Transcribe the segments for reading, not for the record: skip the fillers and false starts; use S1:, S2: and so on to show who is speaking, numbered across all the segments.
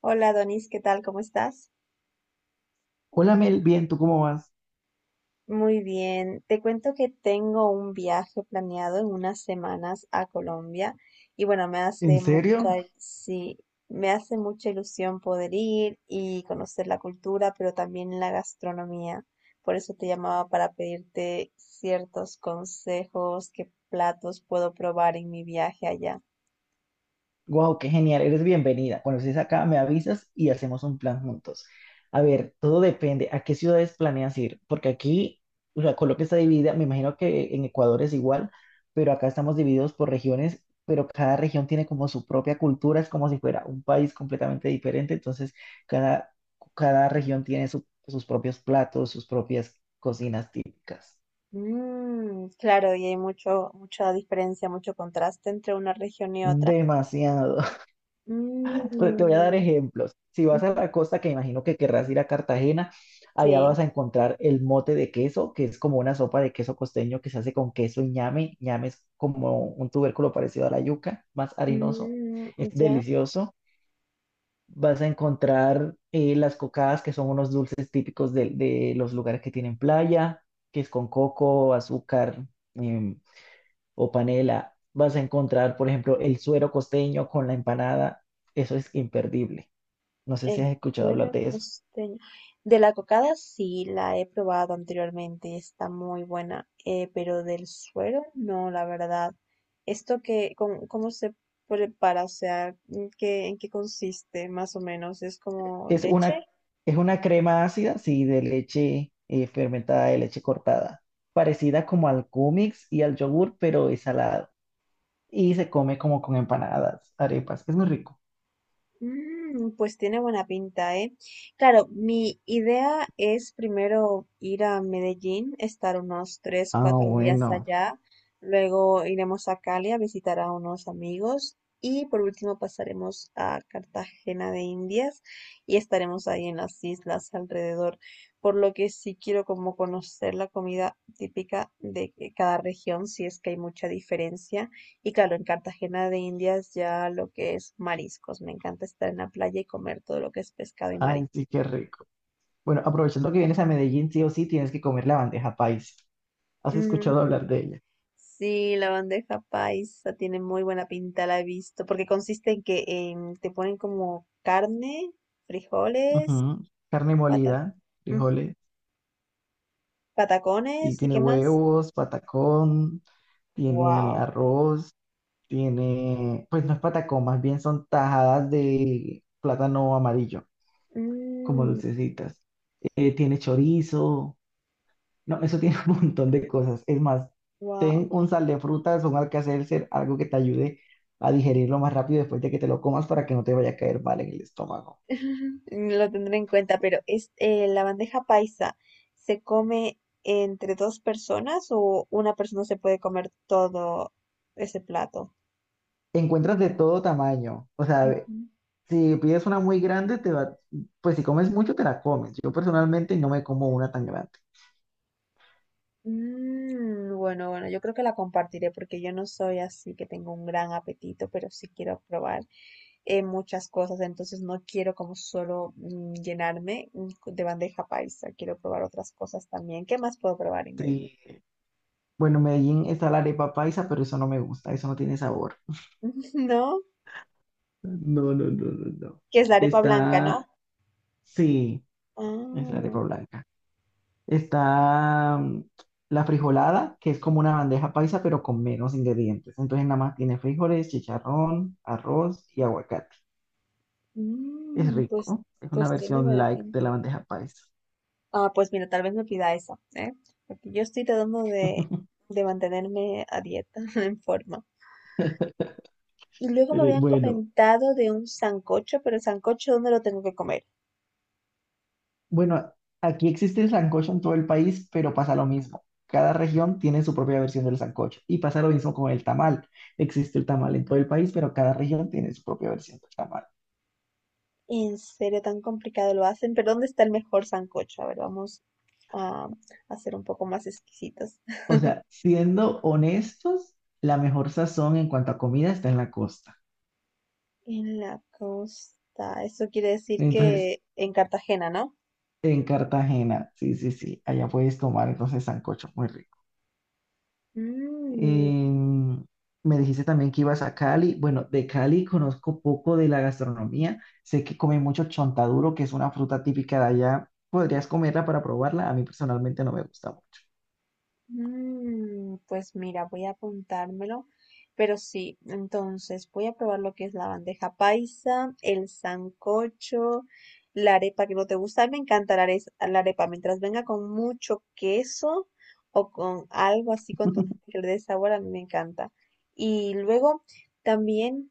S1: Hola Donis, ¿qué tal? ¿Cómo estás?
S2: Hola Mel, bien, ¿tú cómo vas?
S1: Muy bien. Te cuento que tengo un viaje planeado en unas semanas a Colombia y bueno, me
S2: ¿En
S1: hace
S2: serio?
S1: mucha, sí, me hace mucha ilusión poder ir y conocer la cultura, pero también la gastronomía. Por eso te llamaba para pedirte ciertos consejos, qué platos puedo probar en mi viaje allá.
S2: Wow, qué genial, eres bienvenida. Cuando estés acá, me avisas y hacemos un plan juntos. A ver, todo depende a qué ciudades planeas ir, porque aquí, o sea, Colombia está dividida, me imagino que en Ecuador es igual, pero acá estamos divididos por regiones, pero cada región tiene como su propia cultura, es como si fuera un país completamente diferente, entonces cada, cada región tiene sus propios platos, sus propias cocinas típicas.
S1: Claro, y hay mucho, mucha diferencia, mucho contraste entre una región y otra.
S2: Demasiado. Te voy a dar
S1: Mm.
S2: ejemplos. Si vas a
S1: Ujú.
S2: la costa, que imagino que querrás ir a Cartagena, allá
S1: Sí.
S2: vas a encontrar el mote de queso, que es como una sopa de queso costeño que se hace con queso y ñame. Ñame es como un tubérculo parecido a la yuca, más harinoso.
S1: Mm,
S2: Es
S1: ya
S2: delicioso. Vas a encontrar las cocadas, que son unos dulces típicos de los lugares que tienen playa, que es con coco, azúcar em, o panela. Vas a encontrar, por ejemplo, el suero costeño con la empanada. Eso es imperdible. No sé si
S1: el
S2: has escuchado hablar
S1: suero
S2: de eso.
S1: costeño. De la cocada sí la he probado anteriormente, está muy buena, pero del suero no, la verdad. ¿Esto que, cómo, cómo se prepara? O sea, en qué consiste más o menos? ¿Es como
S2: Es
S1: leche?
S2: una, es una crema ácida, sí, de leche fermentada, de leche cortada, parecida como al cúmix y al yogur, pero es salado. Y se come como con empanadas, arepas. Es muy rico.
S1: Pues tiene buena pinta, ¿eh? Claro, mi idea es primero ir a Medellín, estar unos tres,
S2: Ah,
S1: cuatro días
S2: bueno.
S1: allá, luego iremos a Cali a visitar a unos amigos y por último pasaremos a Cartagena de Indias y estaremos ahí en las islas alrededor, por lo que sí quiero como conocer la comida típica de cada región, si es que hay mucha diferencia. Y claro, en Cartagena de Indias ya lo que es mariscos. Me encanta estar en la playa y comer todo lo que es pescado y
S2: Ay,
S1: marisco.
S2: sí, qué rico. Bueno, aprovechando que vienes a Medellín, sí o sí, tienes que comer la bandeja paisa. ¿Has
S1: Mm,
S2: escuchado hablar de ella?
S1: sí, la bandeja paisa tiene muy buena pinta, la he visto, porque consiste en que te ponen como carne, frijoles,
S2: Ujú. Carne
S1: pata-
S2: molida,
S1: mm,
S2: frijoles, y
S1: patacones y
S2: tiene
S1: qué más.
S2: huevos, patacón, tiene
S1: Wow.
S2: arroz. Tiene, pues no es patacón, más bien son tajadas de plátano amarillo, como dulcecitas. Tiene chorizo, no, eso tiene un montón de cosas. Es más,
S1: Wow.
S2: ten un sal de frutas, un alcacelcer, algo que te ayude a digerirlo más rápido después de que te lo comas para que no te vaya a caer mal en el estómago.
S1: Lo tendré en cuenta, pero es la bandeja paisa se come entre dos personas o una persona se puede comer todo ese plato.
S2: Encuentras de todo tamaño, o sea,
S1: Ujú.
S2: si pides una muy grande, te va, pues si comes mucho, te la comes. Yo personalmente no me como una tan grande.
S1: Bueno, yo creo que la compartiré porque yo no soy así que tengo un gran apetito, pero sí quiero probar muchas cosas, entonces no quiero como solo llenarme de bandeja paisa, quiero probar otras cosas también. ¿Qué más puedo probar en Medellín?
S2: Sí, bueno, en Medellín está la arepa paisa, pero eso no me gusta, eso no tiene sabor.
S1: ¿No?
S2: No, no, no, no, no.
S1: Que es la arepa blanca, ¿no?
S2: Está, sí, es la arepa
S1: Ah.
S2: blanca. Está mm, la frijolada, que es como una bandeja paisa, pero con menos ingredientes. Entonces nada más tiene frijoles, chicharrón, arroz y aguacate. Es
S1: Mm, pues,
S2: rico, es una
S1: pues tiene
S2: versión
S1: buena
S2: light de
S1: pinta.
S2: la bandeja paisa.
S1: Ah, pues mira, tal vez me pida esa, ¿eh? Porque yo estoy tratando de mantenerme a dieta, en forma. Y luego me habían
S2: Bueno.
S1: comentado de un sancocho, pero el sancocho, ¿dónde lo tengo que comer?
S2: Bueno, aquí existe el sancocho en todo el país, pero pasa lo mismo. Cada región tiene su propia versión del sancocho y pasa lo mismo con el tamal. Existe el tamal en todo el país, pero cada región tiene su propia versión del tamal.
S1: En serio, tan complicado lo hacen, pero ¿dónde está el mejor sancocho? A ver, vamos a hacer un poco más exquisitos.
S2: O sea, siendo honestos, la mejor sazón en cuanto a comida está en la costa.
S1: En la costa, eso quiere decir
S2: Entonces,
S1: que en Cartagena, ¿no?
S2: en Cartagena, sí, sí, sí, allá puedes tomar entonces sancocho, muy rico.
S1: Mm.
S2: Em, me dijiste también que ibas a Cali. Bueno, de Cali conozco poco de la gastronomía. Sé que comen mucho chontaduro, que es una fruta típica de allá. ¿Podrías comerla para probarla? A mí personalmente no me gusta mucho.
S1: Pues mira, voy a apuntármelo, pero sí, entonces voy a probar lo que es la bandeja paisa, el sancocho, la arepa que no te gusta. A mí me encanta la la arepa, mientras venga con mucho queso o con algo así contundente que le dé sabor, a mí me encanta. Y luego también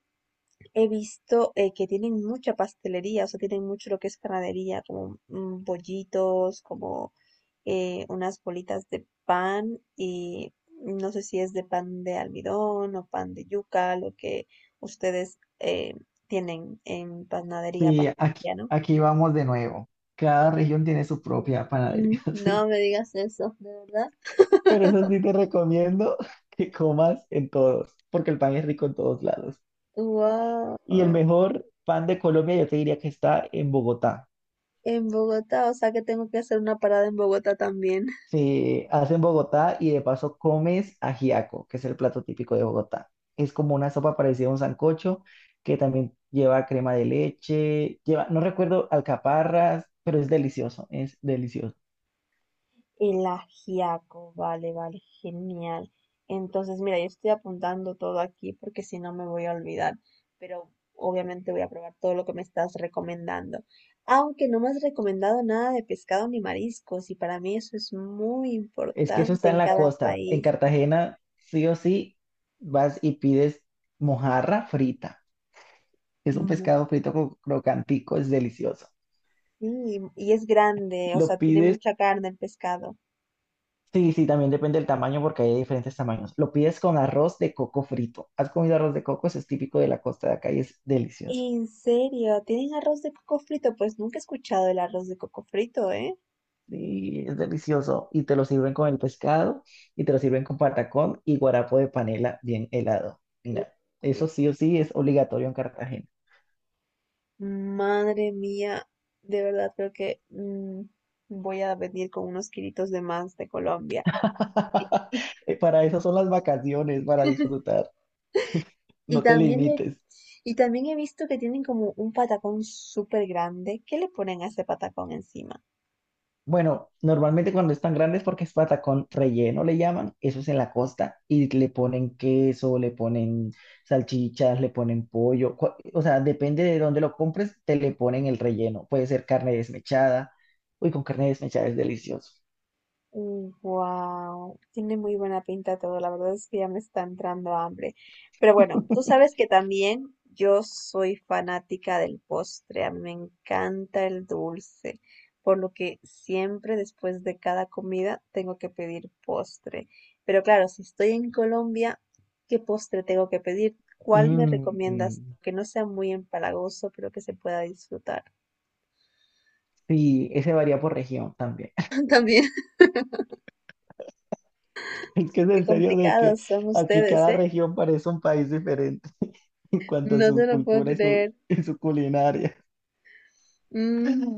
S1: he visto que tienen mucha pastelería, o sea, tienen mucho lo que es panadería, como bollitos, como unas bolitas de pan y no sé si es de pan de almidón o pan de yuca, lo que ustedes tienen en panadería,
S2: Sí,
S1: pastelería, ¿no?
S2: aquí vamos de nuevo. Cada región tiene su propia panadería.
S1: No
S2: Sí.
S1: me digas eso, de verdad.
S2: Pero eso sí te recomiendo que comas en todos, porque el pan es rico en todos lados. Y el
S1: Wow.
S2: mejor pan de Colombia yo te diría que está en Bogotá.
S1: En Bogotá, o sea que tengo que hacer una parada en Bogotá también.
S2: Se hace en Bogotá y de paso comes ajiaco, que es el plato típico de Bogotá. Es como una sopa parecida a un sancocho que también lleva crema de leche, lleva, no recuerdo, alcaparras, pero es delicioso, es delicioso.
S1: El ajiaco, vale, vale, genial. Entonces, mira, yo estoy apuntando todo aquí porque si no me voy a olvidar, pero obviamente voy a probar todo lo que me estás recomendando. Aunque no me has recomendado nada de pescado ni mariscos, y para mí eso es muy
S2: Es que eso
S1: importante
S2: está
S1: en
S2: en la
S1: cada
S2: costa. En
S1: país.
S2: Cartagena, sí o sí, vas y pides mojarra frita. Es un
S1: Mm.
S2: pescado frito crocantico, es delicioso.
S1: Sí, y es grande, o
S2: Lo
S1: sea, tiene
S2: pides
S1: mucha carne el pescado.
S2: sí, sí, también depende del tamaño porque hay de diferentes tamaños. Lo pides con arroz de coco frito. ¿Has comido arroz de coco? Eso es típico de la costa de acá y es delicioso.
S1: ¿En serio? ¿Tienen arroz de coco frito? Pues nunca he escuchado el arroz de coco frito, ¿eh?
S2: Sí, es delicioso. Y te lo sirven con el pescado y te lo sirven con patacón y guarapo de panela bien helado. Mira, eso sí o sí es obligatorio en Cartagena.
S1: Madre mía, de verdad creo que voy a venir con unos kilitos de más de Colombia.
S2: Para eso son las vacaciones, para disfrutar.
S1: Y
S2: No te
S1: también he,
S2: limites.
S1: y también he visto que tienen como un patacón súper grande. ¿Qué le ponen a ese patacón encima?
S2: Bueno, normalmente cuando están grandes porque es patacón relleno, le llaman, eso es en la costa, y le ponen queso, le ponen salchichas, le ponen pollo, o sea, depende de dónde lo compres, te le ponen el relleno, puede ser carne desmechada, uy, con carne desmechada es delicioso.
S1: Wow, tiene muy buena pinta todo, la verdad es que ya me está entrando hambre. Pero bueno, tú sabes que también yo soy fanática del postre, a mí me encanta el dulce, por lo que siempre después de cada comida tengo que pedir postre. Pero claro, si estoy en Colombia, ¿qué postre tengo que pedir? ¿Cuál me recomiendas?
S2: Mm,
S1: Que no sea muy empalagoso, pero que se pueda disfrutar.
S2: sí, ese varía por región también.
S1: También,
S2: Es que es
S1: qué
S2: en serio de que
S1: complicados son
S2: aquí
S1: ustedes,
S2: cada
S1: ¿eh?
S2: región parece un país diferente en cuanto a
S1: No te
S2: su
S1: lo puedo
S2: cultura y
S1: creer.
S2: y su culinaria.
S1: Mm.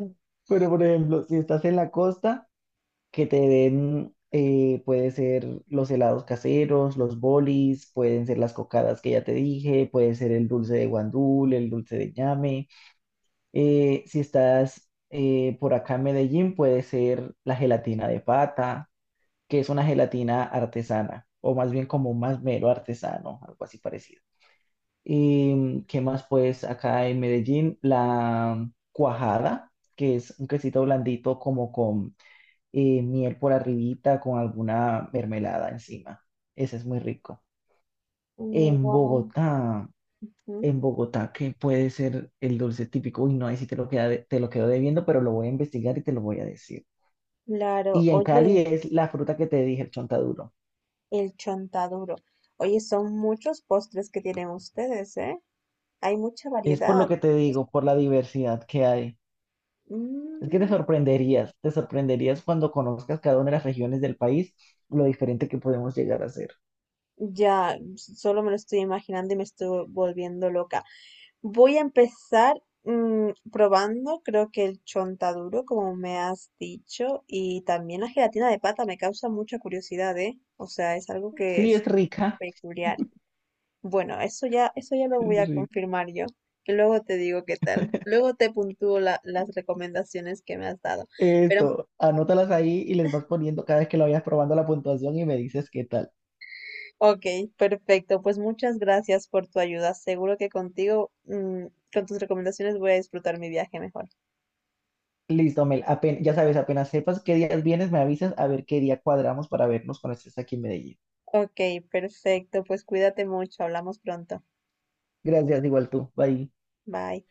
S2: Pero, por ejemplo, si estás en la costa, que te den, puede ser los helados caseros, los bolis, pueden ser las cocadas que ya te dije, puede ser el dulce de guandul, el dulce de ñame. Si estás por acá en Medellín, puede ser la gelatina de pata, que es una gelatina artesana, o más bien como un masmero artesano, algo así parecido. Y qué más, pues acá en Medellín, la cuajada, que es un quesito blandito como con miel por arribita, con alguna mermelada encima. Ese es muy rico. En
S1: Guau.
S2: Bogotá,
S1: Ujú.
S2: en Bogotá, ¿qué puede ser el dulce típico? Uy, no, ahí sí te lo quedo debiendo, pero lo voy a investigar y te lo voy a decir.
S1: Claro,
S2: Y en
S1: oye,
S2: Cali es la fruta que te dije, el chontaduro.
S1: el chontaduro. Oye, son muchos postres que tienen ustedes, ¿eh? Hay mucha
S2: Es por lo
S1: variedad.
S2: que te digo, por la diversidad que hay. Es que
S1: Mm,
S2: te sorprenderías cuando conozcas cada una de las regiones del país, lo diferente que podemos llegar a ser.
S1: ya, s- solo me lo estoy imaginando y me estoy volviendo loca. Voy a empezar probando, creo que el chontaduro, como me has dicho, y también la gelatina de pata me causa mucha curiosidad, ¿eh? O sea, es algo que
S2: Sí,
S1: es
S2: es rica,
S1: peculiar. Bueno, eso ya lo voy a
S2: es rica.
S1: confirmar yo. Y luego te digo qué tal. Luego te puntúo las recomendaciones que me has dado. Pero,
S2: Esto, anótalas ahí y les vas poniendo cada vez que lo vayas probando la puntuación y me dices qué tal.
S1: ok, perfecto. Pues muchas gracias por tu ayuda. Seguro que contigo, con tus recomendaciones voy a disfrutar mi viaje mejor.
S2: Listo, Mel, ya sabes, apenas sepas qué días vienes, me avisas a ver qué día cuadramos para vernos cuando estés aquí en Medellín.
S1: Ok, perfecto. Pues cuídate mucho. Hablamos pronto.
S2: Gracias, igual tú. Bye.
S1: Bye.